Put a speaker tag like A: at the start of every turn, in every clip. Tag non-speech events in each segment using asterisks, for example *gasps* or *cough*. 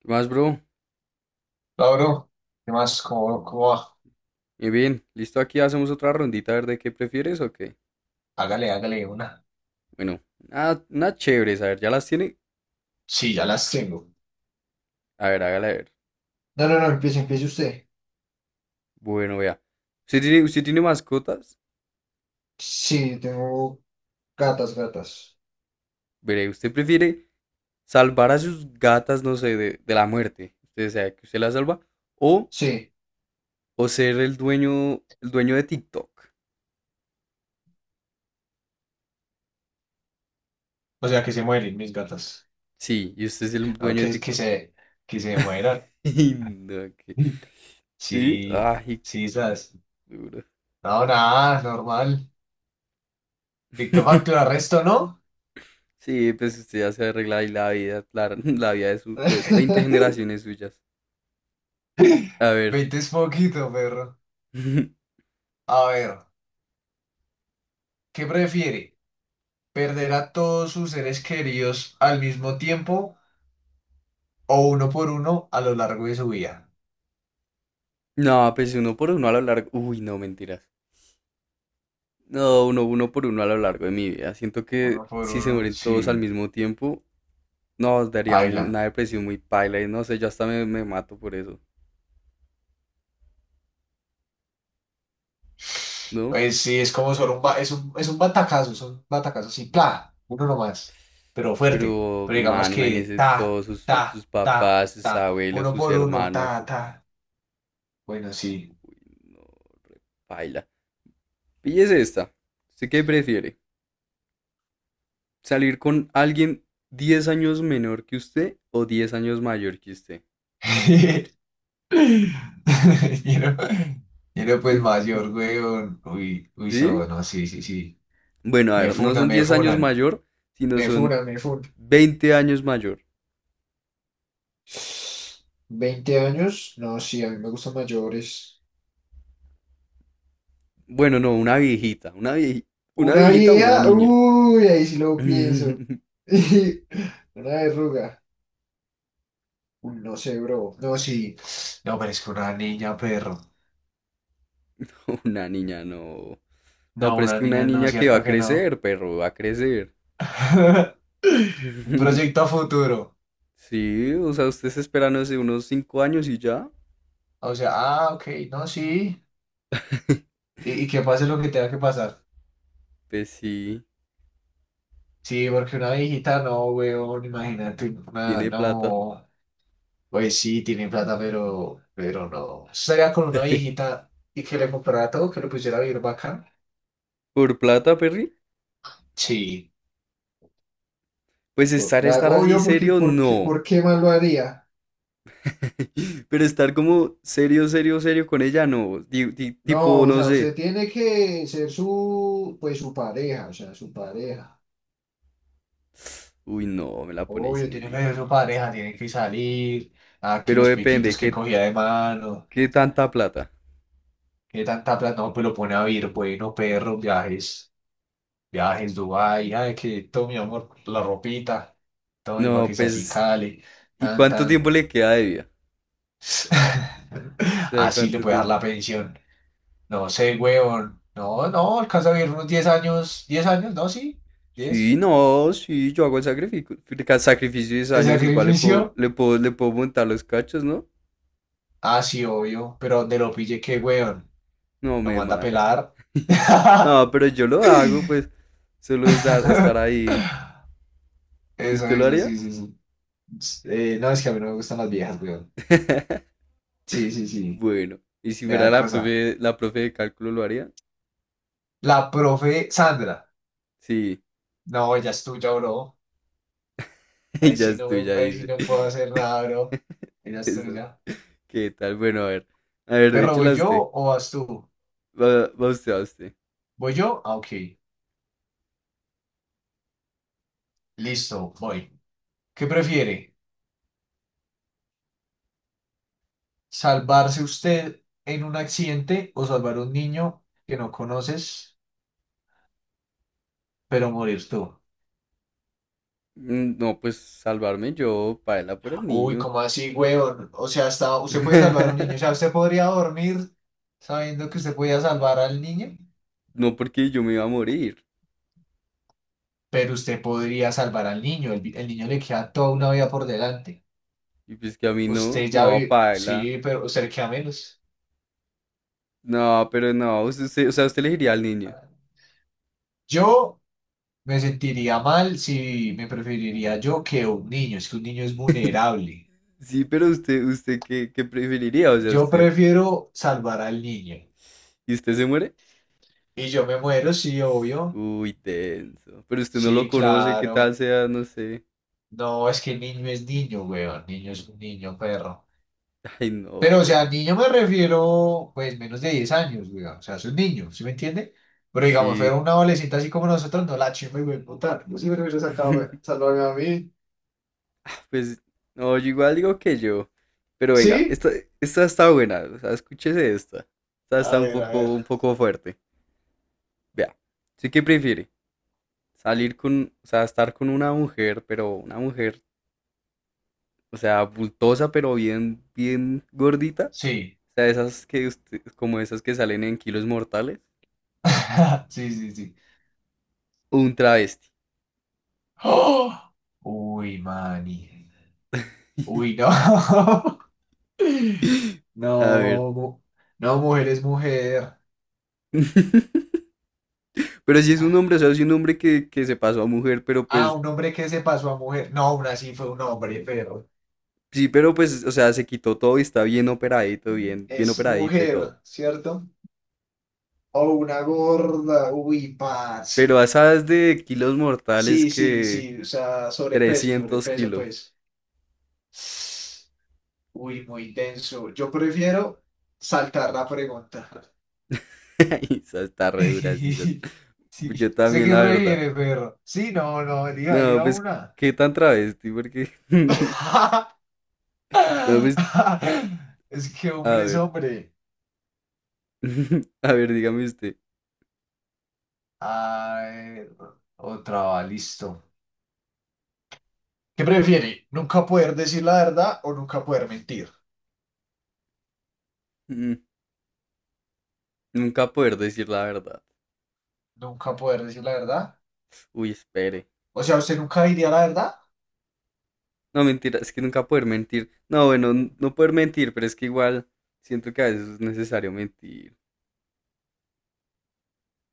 A: ¿Qué más, bro?
B: Hola, bro. ¿Qué más? ¿¿Cómo va?
A: Muy bien, listo, aquí hacemos otra rondita a ver de qué prefieres o qué.
B: Hágale, hágale una.
A: Bueno, nada una chévere, a ver, ¿ya las tiene?
B: Sí, ya las tengo.
A: A ver, hágala a ver.
B: No, no, no, empiece, empiece usted.
A: Bueno, vea. ¿Usted tiene mascotas?
B: Sí, tengo gatas, gatas.
A: Veré, ¿usted prefiere salvar a sus gatas, no sé, de la muerte? Usted sea que usted las salva. O,
B: Sí,
A: o ser el dueño de TikTok.
B: o sea, que se mueren mis gatas.
A: Sí, y usted es el
B: No,
A: dueño de
B: que, que
A: TikTok.
B: se, que se
A: *laughs*
B: mueran.
A: Y no.
B: *laughs*
A: Sí,
B: Sí,
A: ay,
B: sí,
A: qué
B: esas.
A: duro.
B: No, nada, normal. Dicto facto
A: *laughs*
B: arresto, ¿no?
A: Sí, pues usted ya se arregla ahí la vida, *laughs* la vida de 20
B: *laughs*
A: generaciones suyas. A ver.
B: 20 es poquito, perro.
A: *laughs*
B: A ver, ¿qué prefiere? ¿Perder a todos sus seres queridos al mismo tiempo o uno por uno a lo largo de su vida?
A: No, pues uno por uno a lo largo. Uy, no, mentiras. No, uno por uno a lo largo de mi vida. Siento que
B: Uno por
A: si se
B: uno,
A: mueren todos al
B: sí.
A: mismo tiempo, nos daría
B: Baila.
A: una depresión muy paila. Y no sé, yo hasta me mato por eso, ¿no?
B: Pues sí, es como solo un, ba- es un batacazo, son batacazos, sí. ¡Pla! Uno nomás, pero fuerte.
A: Pero,
B: Pero
A: man,
B: digamos que
A: imagínese
B: ta,
A: todos sus
B: ta, ta,
A: papás, sus
B: ta.
A: abuelos,
B: Uno
A: sus
B: por uno,
A: hermanos.
B: ta, ta. Bueno, sí.
A: No, re paila. Píllese esta. ¿Usted qué prefiere? Salir con alguien 10 años menor que usted o 10 años mayor que usted.
B: *laughs* Quiero, quiero pues mayor,
A: *laughs*
B: weón. Uy, uy, so,
A: ¿Sí?
B: no, sí, sí, sí.
A: Bueno, a
B: Me
A: ver, no
B: funan,
A: son
B: me
A: 10 años
B: funan.
A: mayor, sino
B: Me
A: son
B: funan, me funan.
A: 20 años mayor.
B: 20 años, no, sí, a mí me gustan mayores.
A: Bueno, no, una viejita, una
B: Una
A: viejita, una
B: vieja,
A: niña.
B: uy, ahí sí lo pienso.
A: *laughs*
B: *laughs* Una verruga, uy, no sé, bro. No, sí, no, pero es que una niña, perro.
A: Una niña, no.
B: No,
A: No, pero es
B: una
A: que una
B: niña, no,
A: niña que va
B: cierto
A: a
B: que no.
A: crecer, perro, va a crecer.
B: *laughs* Un
A: *laughs*
B: proyecto a futuro.
A: Sí, o sea, usted se espera, no sé, unos 5 años y ya.
B: O sea, ah, ok, no, sí.
A: *laughs*
B: Y que pase lo que tenga que pasar.
A: Pues sí,
B: Sí, porque una viejita, no, weón, imagínate, una,
A: tiene plata.
B: no. Pues sí, tiene plata, pero no. Estaría con una
A: *laughs*
B: viejita y que le comprara todo, que le pusiera a vivir bacán.
A: ¿Por plata, Perry?
B: Sí.
A: Pues estar, estar así
B: Obvio,
A: serio, no.
B: ¿por qué más lo haría?
A: *laughs* Pero estar como serio, serio, serio con ella, no.
B: No,
A: Tipo,
B: o
A: no
B: sea,
A: sé.
B: usted tiene que ser su, pues su pareja, o sea, su pareja.
A: Uy, no, me la ponéis
B: Obvio,
A: muy
B: tiene que ser su pareja,
A: difícil.
B: tiene que salir. A que
A: Pero
B: los
A: depende,
B: piquitos que
A: ¿qué,
B: cogía de mano.
A: qué tanta plata?
B: Que tanta plata, no, pues lo pone a vivir. Bueno, perro, viajes. Viajes en Dubái, ay, que todo mi amor, la ropita, todo mi pa'
A: No,
B: que se
A: pues,
B: acicale,
A: ¿y
B: tan,
A: cuánto
B: tan.
A: tiempo le queda de vida?
B: *laughs*
A: O sea,
B: Así le
A: ¿cuánto
B: puede dar
A: tiempo?
B: la pensión. No sé, huevón. No, no, alcanza a vivir unos 10 años. ¿10 años? No, sí.
A: Sí,
B: 10.
A: no, sí, yo hago el sacrificio, sacrificio de 10
B: ¿De
A: años, igual le puedo,
B: sacrificio?
A: le puedo, le puedo montar los cachos, ¿no?
B: Ah, sí, obvio. Pero donde lo pille, qué huevón.
A: No,
B: Lo
A: me
B: manda a
A: mata.
B: pelar.
A: *laughs*
B: *laughs*
A: No, pero yo lo hago, pues, solo es estar ahí.
B: Eso,
A: ¿Usted lo
B: eso,
A: haría?
B: sí, sí, sí. No, es que a mí no me gustan las viejas, weón.
A: *laughs*
B: Sí, sí, sí.
A: Bueno, y si
B: Me
A: fuera
B: da
A: la
B: cosa.
A: profe, la profe de cálculo, ¿lo haría?
B: La profe Sandra.
A: Sí,
B: No, ella es tuya, bro. Ahí
A: *laughs* ya
B: sí no
A: estoy, ya
B: me, ahí sí
A: dice.
B: no puedo hacer nada, bro.
A: *laughs*
B: Ella es
A: Esa-
B: tuya.
A: ¿Qué tal? Bueno, a ver,
B: Perro, ¿voy
A: échela usted.
B: yo o vas tú?
A: Va usted.
B: ¿Voy yo? Ah, ok. Listo, voy. ¿Qué prefiere? ¿Salvarse usted en un accidente o salvar a un niño que no conoces, pero morir tú?
A: No, pues salvarme yo, paela por el
B: Uy,
A: niño.
B: ¿cómo así, weón? O sea, hasta usted puede salvar a un
A: *laughs*
B: niño. O sea, usted podría dormir sabiendo que usted podía salvar al niño.
A: No, porque yo me iba a morir.
B: Pero usted podría salvar al niño, el niño le queda toda una vida por delante.
A: Y pues que a mí no,
B: Usted ya
A: no,
B: ve,
A: paela.
B: sí, pero usted le queda menos.
A: No, pero no, o sea, usted elegiría al niño.
B: Yo me sentiría mal si me preferiría yo que un niño, es que un niño es vulnerable.
A: Sí, pero usted, ¿qué preferiría? O sea,
B: Yo
A: usted,
B: prefiero salvar al niño.
A: ¿y usted se muere?
B: Y yo me muero, sí, obvio.
A: Uy, tenso. Pero usted no lo
B: Sí,
A: conoce, qué tal
B: claro.
A: sea, no sé.
B: No, es que el niño es niño, weón. Niño es un niño, perro.
A: Ay, no,
B: Pero, o
A: pero
B: sea, niño me refiero, pues, menos de 10 años, güey. O sea, es un niño, ¿sí me entiende? Pero digamos,
A: sí.
B: fuera una adolescente así como nosotros, no la chimba y güey, puta. Yo sí me hubiera sacado, güey.
A: *laughs*
B: Salvarme a mí.
A: Ah, pues, no, yo igual digo que yo. Pero venga,
B: ¿Sí?
A: esta está buena. O sea, escúchese esta. Esta
B: A
A: está un
B: ver, a ver.
A: poco, un poco fuerte. Vea. ¿Sí que prefiere? Salir con, o sea, estar con una mujer, pero una mujer, o sea, bultosa, pero bien gordita.
B: Sí.
A: O sea, esas que usted, como esas que salen en kilos mortales.
B: *laughs* Sí, sí, sí.
A: O un travesti.
B: *gasps* ¡Oh! Uy, mani. Uy, no. *laughs*
A: *gasps* *laughs* A ver.
B: No, mu- no, mujer es mujer.
A: *laughs* Pero sí es un hombre, o sea, es un hombre que se pasó a mujer, pero
B: Ah,
A: pues,
B: un hombre que se pasó a mujer. No, aún así fue un hombre, pero
A: sí, pero pues, o sea, se quitó todo y está bien operadito, bien
B: es
A: operadita y
B: mujer,
A: todo.
B: ¿cierto? O una gorda. Uy,
A: Pero
B: parce.
A: a esas de kilos mortales
B: Sí, sí,
A: que
B: sí. O sea, sobrepeso,
A: trescientos
B: sobrepeso,
A: kilos.
B: pues. Uy, muy denso. Yo prefiero saltar la pregunta.
A: *laughs* Esa está re dura, sí, esas.
B: *laughs* Sí,
A: Yo
B: sé
A: también,
B: que
A: la verdad.
B: prefieres, perro. Sí, no, no, elija,
A: No,
B: elija
A: pues,
B: una.
A: ¿qué tan travesti? Porque, *laughs* no, pues,
B: *laughs* Es que
A: a
B: hombre es
A: ver,
B: hombre.
A: *laughs* a ver, dígame usted.
B: A ver, otra va, listo. ¿Qué prefiere? ¿Nunca poder decir la verdad o nunca poder mentir?
A: Mm, Nunca poder decir la verdad.
B: Nunca poder decir la verdad.
A: Uy, espere.
B: O sea, usted nunca diría la verdad.
A: No, mentira, es que nunca poder mentir. No, bueno, no poder mentir, pero es que igual siento que a veces es necesario mentir.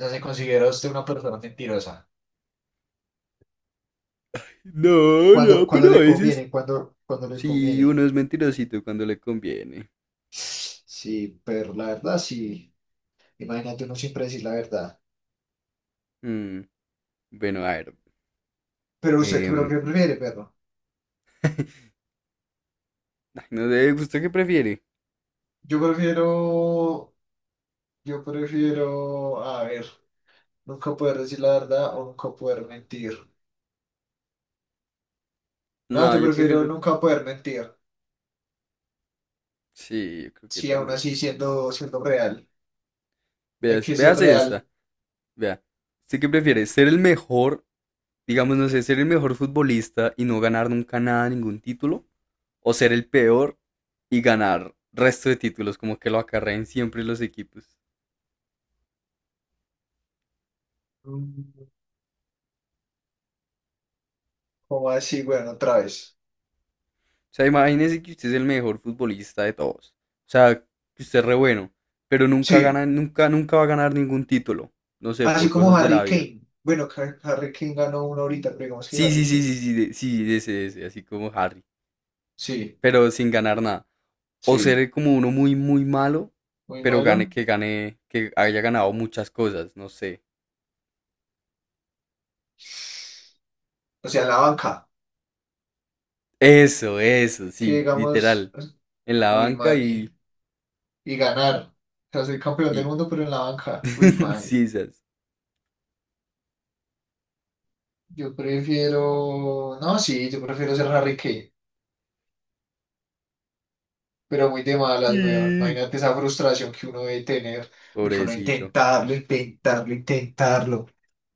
B: Ya se considera usted una persona mentirosa.
A: No,
B: Cuando,
A: no,
B: cuando
A: pero a
B: le
A: veces.
B: conviene, cuando le
A: Sí, uno
B: conviene.
A: es mentirosito cuando le conviene.
B: Sí, pero la verdad, sí. Imagínate uno siempre decir la verdad.
A: Mm, bueno, a ver.
B: Pero usted, ¿pero
A: em,
B: qué prefiere, perro?
A: Ay, no sé, ¿usted qué prefiere?
B: Yo prefiero, a ver, nunca poder decir la verdad o nunca poder mentir. No,
A: No,
B: yo
A: yo
B: prefiero
A: prefiero.
B: nunca poder mentir.
A: Sí, yo creo que
B: Sí, aún así
A: también.
B: siendo real. Hay
A: Veas,
B: que ser
A: veas
B: real.
A: esta. Vea. ¿Usted qué prefiere? ¿Ser el mejor, digamos, no sé, ser el mejor futbolista y no ganar nunca nada, ningún título, o ser el peor y ganar resto de títulos, como que lo acarreen siempre los equipos?
B: Mm, ¿Cómo así? Bueno, otra vez.
A: O sea, imagínese que usted es el mejor futbolista de todos. O sea, que usted es re bueno, pero nunca
B: Sí.
A: gana, nunca, nunca va a ganar ningún título. No sé,
B: Así
A: por
B: como
A: cosas de la
B: Harry
A: vida.
B: Kane. Bueno, Harry Kane ganó uno ahorita, pero digamos que
A: Sí,
B: Harry
A: sí, sí,
B: Kane.
A: sí, sí, sí, de ese, así como Harry,
B: Sí,
A: pero sin ganar nada. O
B: sí,
A: ser como uno muy, muy malo,
B: muy
A: pero gane,
B: malo.
A: que gane, que haya ganado muchas cosas, no sé.
B: O sea, en la banca,
A: Eso,
B: que
A: sí,
B: digamos,
A: literal. En la
B: uy,
A: banca
B: mani,
A: y,
B: y ganar. O sea, soy campeón del
A: y
B: mundo, pero en la banca, uy,
A: *laughs*
B: mani.
A: Sí, sas.
B: Yo prefiero, no, sí, yo prefiero ser Harry Kane, pero muy de malas, weón.
A: Y-
B: Imagínate esa frustración que uno debe tener, porque uno
A: Pobrecito.
B: intentarlo, intentarlo, intentarlo,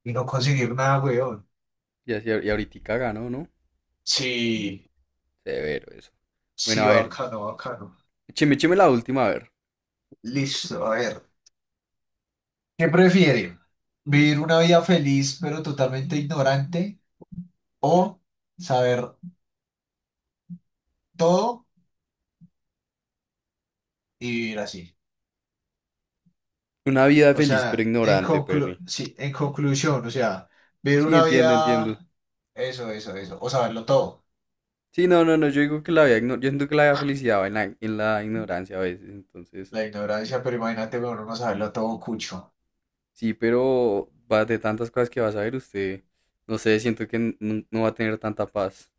B: y no conseguir nada, weón.
A: Y, así, y ahorita ganó, ¿no?
B: Sí,
A: Severo eso. Bueno,
B: sí,
A: a ver.
B: bacano, bacano.
A: Écheme la última, a ver.
B: Listo, a ver. ¿Qué prefiere? ¿Vivir una vida feliz pero totalmente ignorante o saber todo y vivir así?
A: Una vida
B: O
A: feliz pero
B: sea, en
A: ignorante, Perry.
B: sí, en conclusión, o sea, vivir
A: Sí,
B: una
A: entiendo, entiendo.
B: vida, eso, o saberlo todo.
A: Sí, no, no, no. Yo siento que la vida felicidad va en la, ignorancia a veces. Entonces,
B: La ignorancia, pero imagínate, bueno, no saberlo todo cucho.
A: sí, pero va de tantas cosas que vas a ver usted. No sé, siento que no va a tener tanta paz.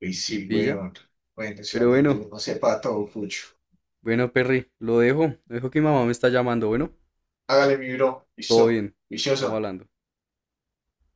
B: Y
A: Sí,
B: sí,
A: pilla.
B: weón. Bueno, eso
A: Pero
B: donde
A: bueno,
B: uno sepa todo cucho.
A: bueno, Perry, lo dejo. Lo dejo que mi mamá me está llamando. Bueno,
B: Hágale, mi bro,
A: todo
B: listo,
A: bien. Estamos
B: vicioso.
A: hablando.